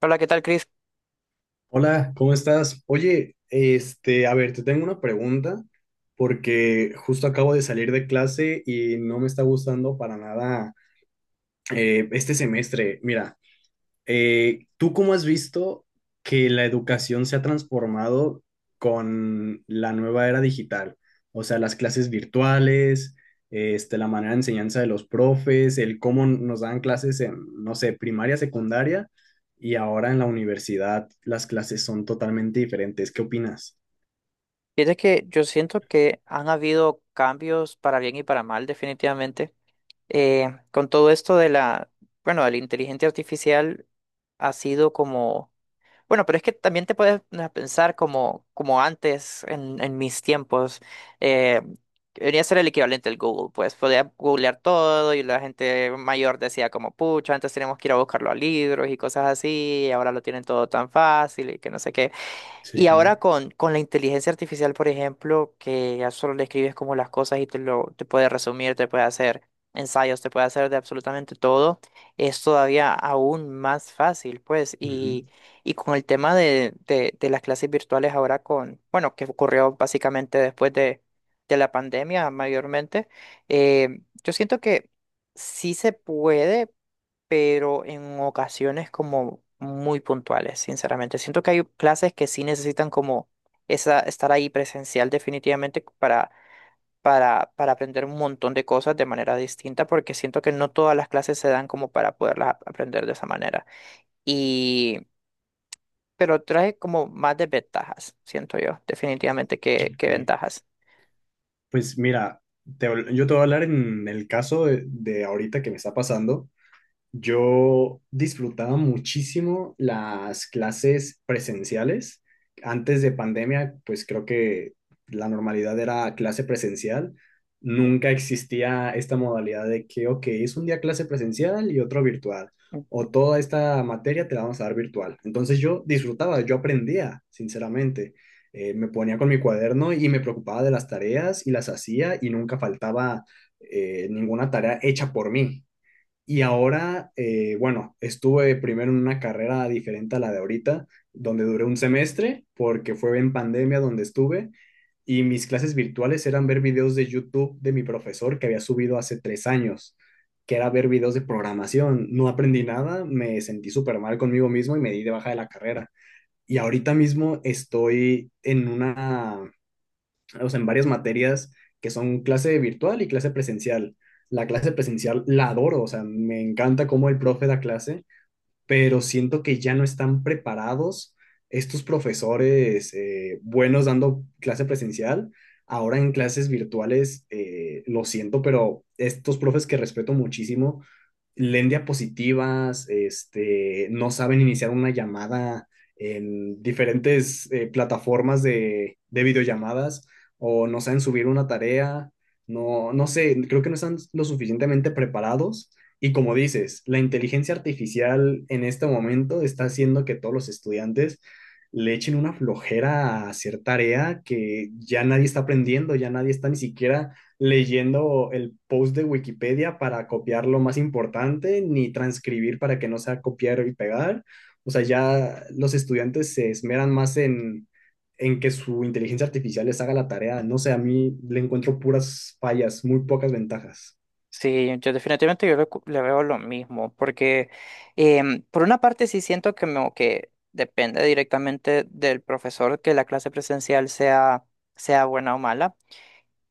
Hola, ¿qué tal, Chris? Hola, ¿cómo estás? Oye, a ver, te tengo una pregunta porque justo acabo de salir de clase y no me está gustando para nada este semestre. Mira, ¿tú cómo has visto que la educación se ha transformado con la nueva era digital? O sea, las clases virtuales, la manera de enseñanza de los profes, el cómo nos dan clases en, no sé, primaria, secundaria, y ahora en la universidad las clases son totalmente diferentes. ¿Qué opinas? Fíjate que yo siento que han habido cambios para bien y para mal, definitivamente. Con todo esto de bueno, de la inteligencia artificial ha sido como, bueno, pero es que también te puedes pensar como, como antes, en mis tiempos, eh, venía a ser el equivalente al Google, pues podía googlear todo y la gente mayor decía como, pucha, antes teníamos que ir a buscarlo a libros y cosas así, y ahora lo tienen todo tan fácil y que no sé qué. Sí, Y ahora claro. Con la inteligencia artificial, por ejemplo, que ya solo le escribes como las cosas y te puede resumir, te puede hacer ensayos, te puede hacer de absolutamente todo, es todavía aún más fácil, pues. Ujú, Y con el tema de las clases virtuales ahora con, bueno, que ocurrió básicamente después de la pandemia mayormente. Yo siento que sí se puede, pero en ocasiones como muy puntuales, sinceramente. Siento que hay clases que sí necesitan como esa, estar ahí presencial definitivamente para aprender un montón de cosas de manera distinta, porque siento que no todas las clases se dan como para poderlas aprender de esa manera. Y, pero trae como más desventajas, siento yo, definitivamente que ok. ventajas. Pues mira, te- yo te voy a hablar en el caso de ahorita que me está pasando. Yo disfrutaba muchísimo las clases presenciales. Antes de pandemia, pues creo que la normalidad era clase presencial. Nunca existía esta modalidad de que, ok, es un día clase presencial y otro virtual. O toda esta materia te la vamos a dar virtual. Entonces yo disfrutaba, yo aprendía, sinceramente. Me ponía con mi cuaderno y me preocupaba de las tareas y las hacía y nunca faltaba ninguna tarea hecha por mí. Y ahora, bueno, estuve primero en una carrera diferente a la de ahorita, donde duré un semestre, porque fue en pandemia donde estuve, y mis clases virtuales eran ver videos de YouTube de mi profesor que había subido hace 3 años, que era ver videos de programación. No aprendí nada, me sentí súper mal conmigo mismo y me di de baja de la carrera. Y ahorita mismo estoy en una, o sea, en varias materias que son clase virtual y clase presencial. La clase presencial la adoro, o sea, me encanta cómo el profe da clase, pero siento que ya no están preparados estos profesores buenos dando clase presencial. Ahora en clases virtuales, lo siento, pero estos profes que respeto muchísimo leen diapositivas, no saben iniciar una llamada en diferentes plataformas de videollamadas o no saben subir una tarea, no, no sé, creo que no están lo suficientemente preparados. Y como dices, la inteligencia artificial en este momento está haciendo que todos los estudiantes le echen una flojera a hacer tarea que ya nadie está aprendiendo, ya nadie está ni siquiera leyendo el post de Wikipedia para copiar lo más importante, ni transcribir para que no sea copiar y pegar. O sea, ya los estudiantes se esmeran más en que su inteligencia artificial les haga la tarea. No sé, a mí le encuentro puras fallas, muy pocas ventajas. Sí, yo definitivamente yo le veo lo mismo, porque por una parte sí siento que depende directamente del profesor que la clase presencial sea buena o mala.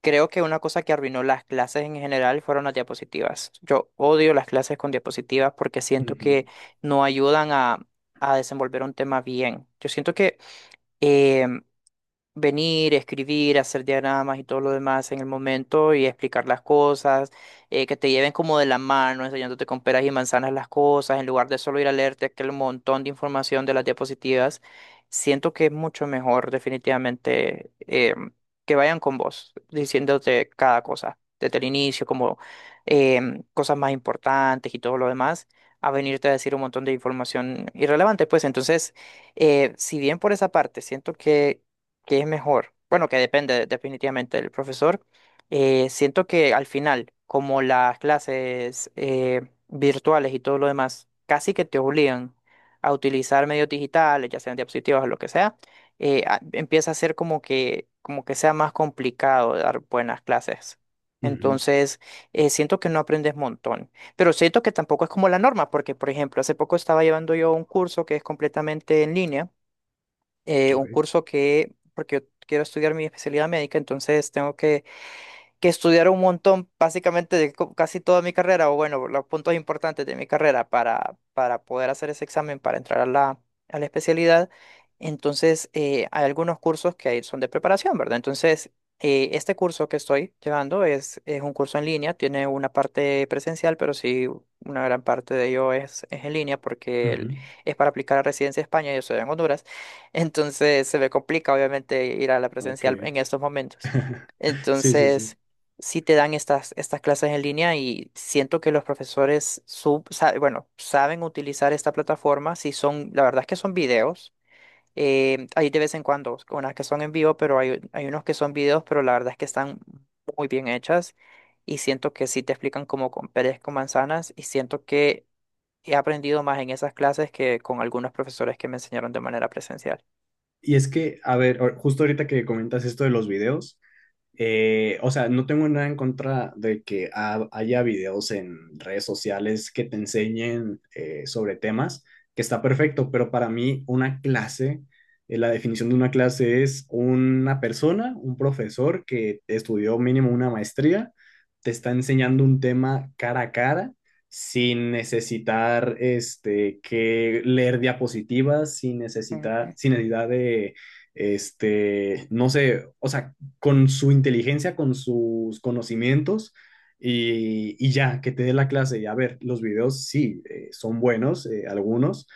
Creo que una cosa que arruinó las clases en general fueron las diapositivas. Yo odio las clases con diapositivas porque siento que Ujú, no ayudan a desenvolver un tema bien. Yo siento que em, venir, escribir, hacer diagramas y todo lo demás en el momento y explicar las cosas, que te lleven como de la mano, enseñándote con peras y manzanas las cosas, en lugar de solo ir a leerte aquel montón de información de las diapositivas, siento que es mucho mejor definitivamente que vayan con vos, diciéndote cada cosa, desde el inicio, como cosas más importantes y todo lo demás, a venirte a decir un montón de información irrelevante, pues entonces, si bien por esa parte siento que, ¿qué es mejor? Bueno, que depende definitivamente del profesor. Siento que al final, como las clases virtuales y todo lo demás, casi que te obligan a utilizar medios digitales, ya sean diapositivas o lo que sea, empieza a ser como que sea más complicado dar buenas clases. ujú, Entonces, siento que no aprendes montón, pero siento que tampoco es como la norma, porque, por ejemplo, hace poco estaba llevando yo un curso que es completamente en línea. Un ok, curso que, porque yo quiero estudiar mi especialidad médica, entonces tengo que estudiar un montón, básicamente de casi toda mi carrera, o bueno, los puntos importantes de mi carrera para poder hacer ese examen, para entrar a a la especialidad. Entonces, hay algunos cursos que ahí son de preparación, ¿verdad? Entonces, este curso que estoy llevando es un curso en línea, tiene una parte presencial, pero sí una gran parte de ello es en línea porque ujú, es para aplicar a residencia de España, yo soy en Honduras, entonces se me complica obviamente ir a la ok. presencial en estos momentos. Sí, sí, sí. Entonces, sí te dan estas clases en línea y siento que los profesores bueno, saben utilizar esta plataforma. Si son, la verdad es que son videos. Eh, hay de vez en cuando unas que son en vivo, pero hay unos que son videos, pero la verdad es que están muy bien hechas y siento que sí te explican como con peras con manzanas y siento que he aprendido más en esas clases que con algunos profesores que me enseñaron de manera presencial. Y es que, a ver, justo ahorita que comentas esto de los videos, o sea, no tengo nada en contra de que haya videos en redes sociales que te enseñen sobre temas, que está perfecto, pero para mí una clase, la definición de una clase es una persona, un profesor que estudió mínimo una maestría, te está enseñando un tema cara a cara, sin necesitar que leer diapositivas, sin necesitar, Ujú, sin necesidad de no sé, o sea, con su inteligencia, con sus conocimientos y ya, que te dé la clase. Y a ver, los videos sí, son buenos, algunos,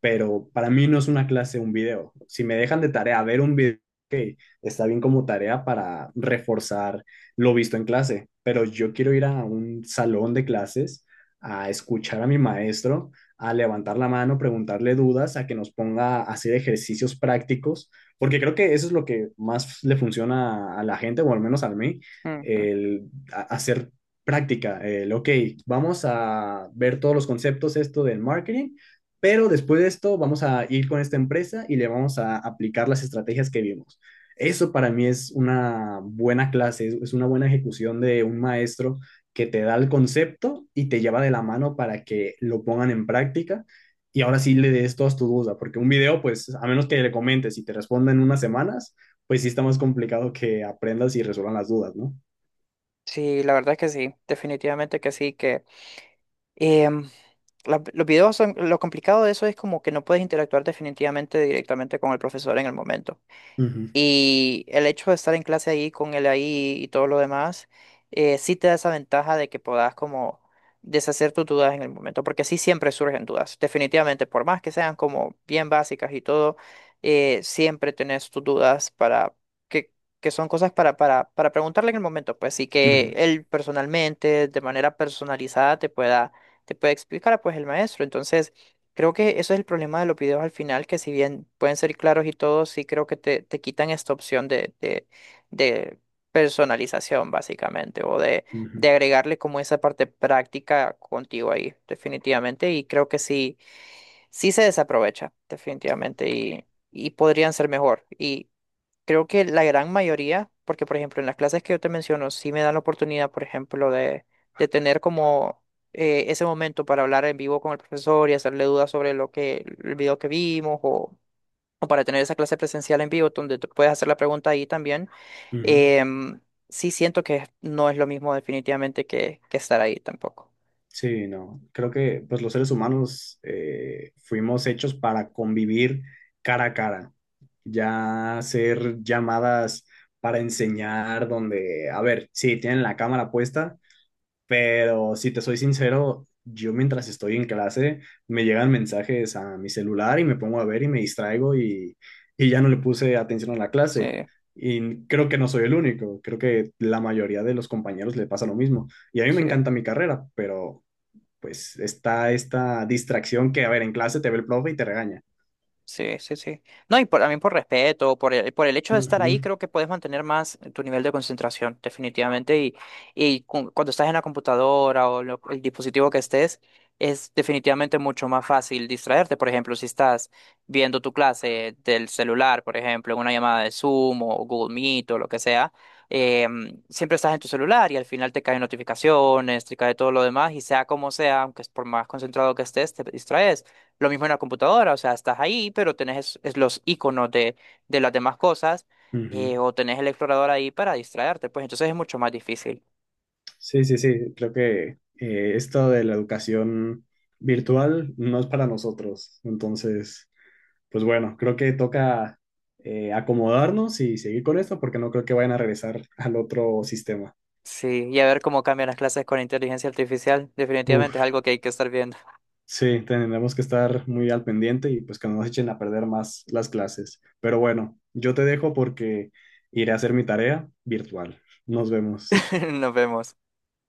pero para mí no es una clase un video. Si me dejan de tarea ver un video, ok, está bien como tarea para reforzar lo visto en clase, pero yo quiero ir a un salón de clases a escuchar a mi maestro, a levantar la mano, preguntarle dudas, a que nos ponga a hacer ejercicios prácticos, porque creo que eso es lo que más le funciona a la gente, o al menos a mí, ujú. el hacer práctica, el, ok, vamos a ver todos los conceptos, esto del marketing, pero después de esto vamos a ir con esta empresa y le vamos a aplicar las estrategias que vimos. Eso para mí es una buena clase, es una buena ejecución de un maestro que te da el concepto y te lleva de la mano para que lo pongan en práctica y ahora sí le des todas tus dudas, porque un video, pues a menos que le comentes y te responda en unas semanas, pues sí está más complicado que aprendas y resuelvan las dudas, ¿no? Sí, la verdad es que sí, definitivamente que sí, que... em, los videos son, lo complicado de eso es como que no puedes interactuar definitivamente directamente con el profesor en el momento. Ujú, Y el hecho de estar en clase ahí con él ahí y todo lo demás, sí te da esa ventaja de que puedas como deshacer tus dudas en el momento, porque sí siempre surgen dudas, definitivamente, por más que sean como bien básicas y todo, siempre tenés tus dudas para que, que son cosas para preguntarle en el momento, pues, y que ujú, él personalmente, de manera personalizada, te puede explicar, pues, el maestro. Entonces, creo que eso es el problema de los videos al final, que si bien pueden ser claros y todo, sí creo que te quitan esta opción de personalización, básicamente, o de ujú, agregarle como esa parte práctica contigo ahí, definitivamente. Y creo que sí, sí se desaprovecha, definitivamente, y podrían ser mejor. Creo que la gran mayoría, porque por ejemplo en las clases que yo te menciono, sí me dan la oportunidad, por ejemplo, de tener como ese momento para hablar en vivo con el profesor y hacerle dudas sobre lo que, el video que vimos o para tener esa clase presencial en vivo donde tú puedes hacer la pregunta ahí también. ujú. em, sí siento que no es lo mismo definitivamente que estar ahí tampoco. Sí, no. Creo que pues los seres humanos fuimos hechos para convivir cara a cara. Ya hacer llamadas para enseñar donde, a ver, sí, tienen la cámara puesta, pero si te soy sincero, yo mientras estoy en clase me llegan mensajes a mi celular y me pongo a ver y me distraigo y ya no le puse atención a la Sí, clase. Y creo que no soy el único, creo que la mayoría de los compañeros le pasa lo mismo. Y a mí me sí. encanta mi carrera, pero pues está esta distracción que, a ver, en clase te ve el profe y te regaña. Sí, sí, sí. No, y por, también por respeto, por el hecho de estar ahí, Ujú, creo que puedes mantener más tu nivel de concentración, definitivamente. Y cuando estás en la computadora o el dispositivo que estés, es definitivamente mucho más fácil distraerte. Por ejemplo, si estás viendo tu clase del celular, por ejemplo, en una llamada de Zoom o Google Meet o lo que sea, eh, siempre estás en tu celular y al final te caen notificaciones, te cae todo lo demás y sea como sea, aunque es por más concentrado que estés, te distraes. Lo mismo en la computadora, o sea, estás ahí, pero tenés es los iconos de las demás cosas, ujú. O tenés el explorador ahí para distraerte, pues entonces es mucho más difícil. Sí, sí, sí, creo que esto de la educación virtual no es para nosotros. Entonces, pues bueno, creo que toca acomodarnos y seguir con esto porque no creo que vayan a regresar al otro sistema. Sí, y a ver cómo cambian las clases con inteligencia artificial, definitivamente es Uf, algo que hay que estar viendo. sí, tendremos que estar muy al pendiente y pues que no nos echen a perder más las clases. Pero bueno, yo te dejo porque iré a hacer mi tarea virtual. Nos vemos. Nos vemos.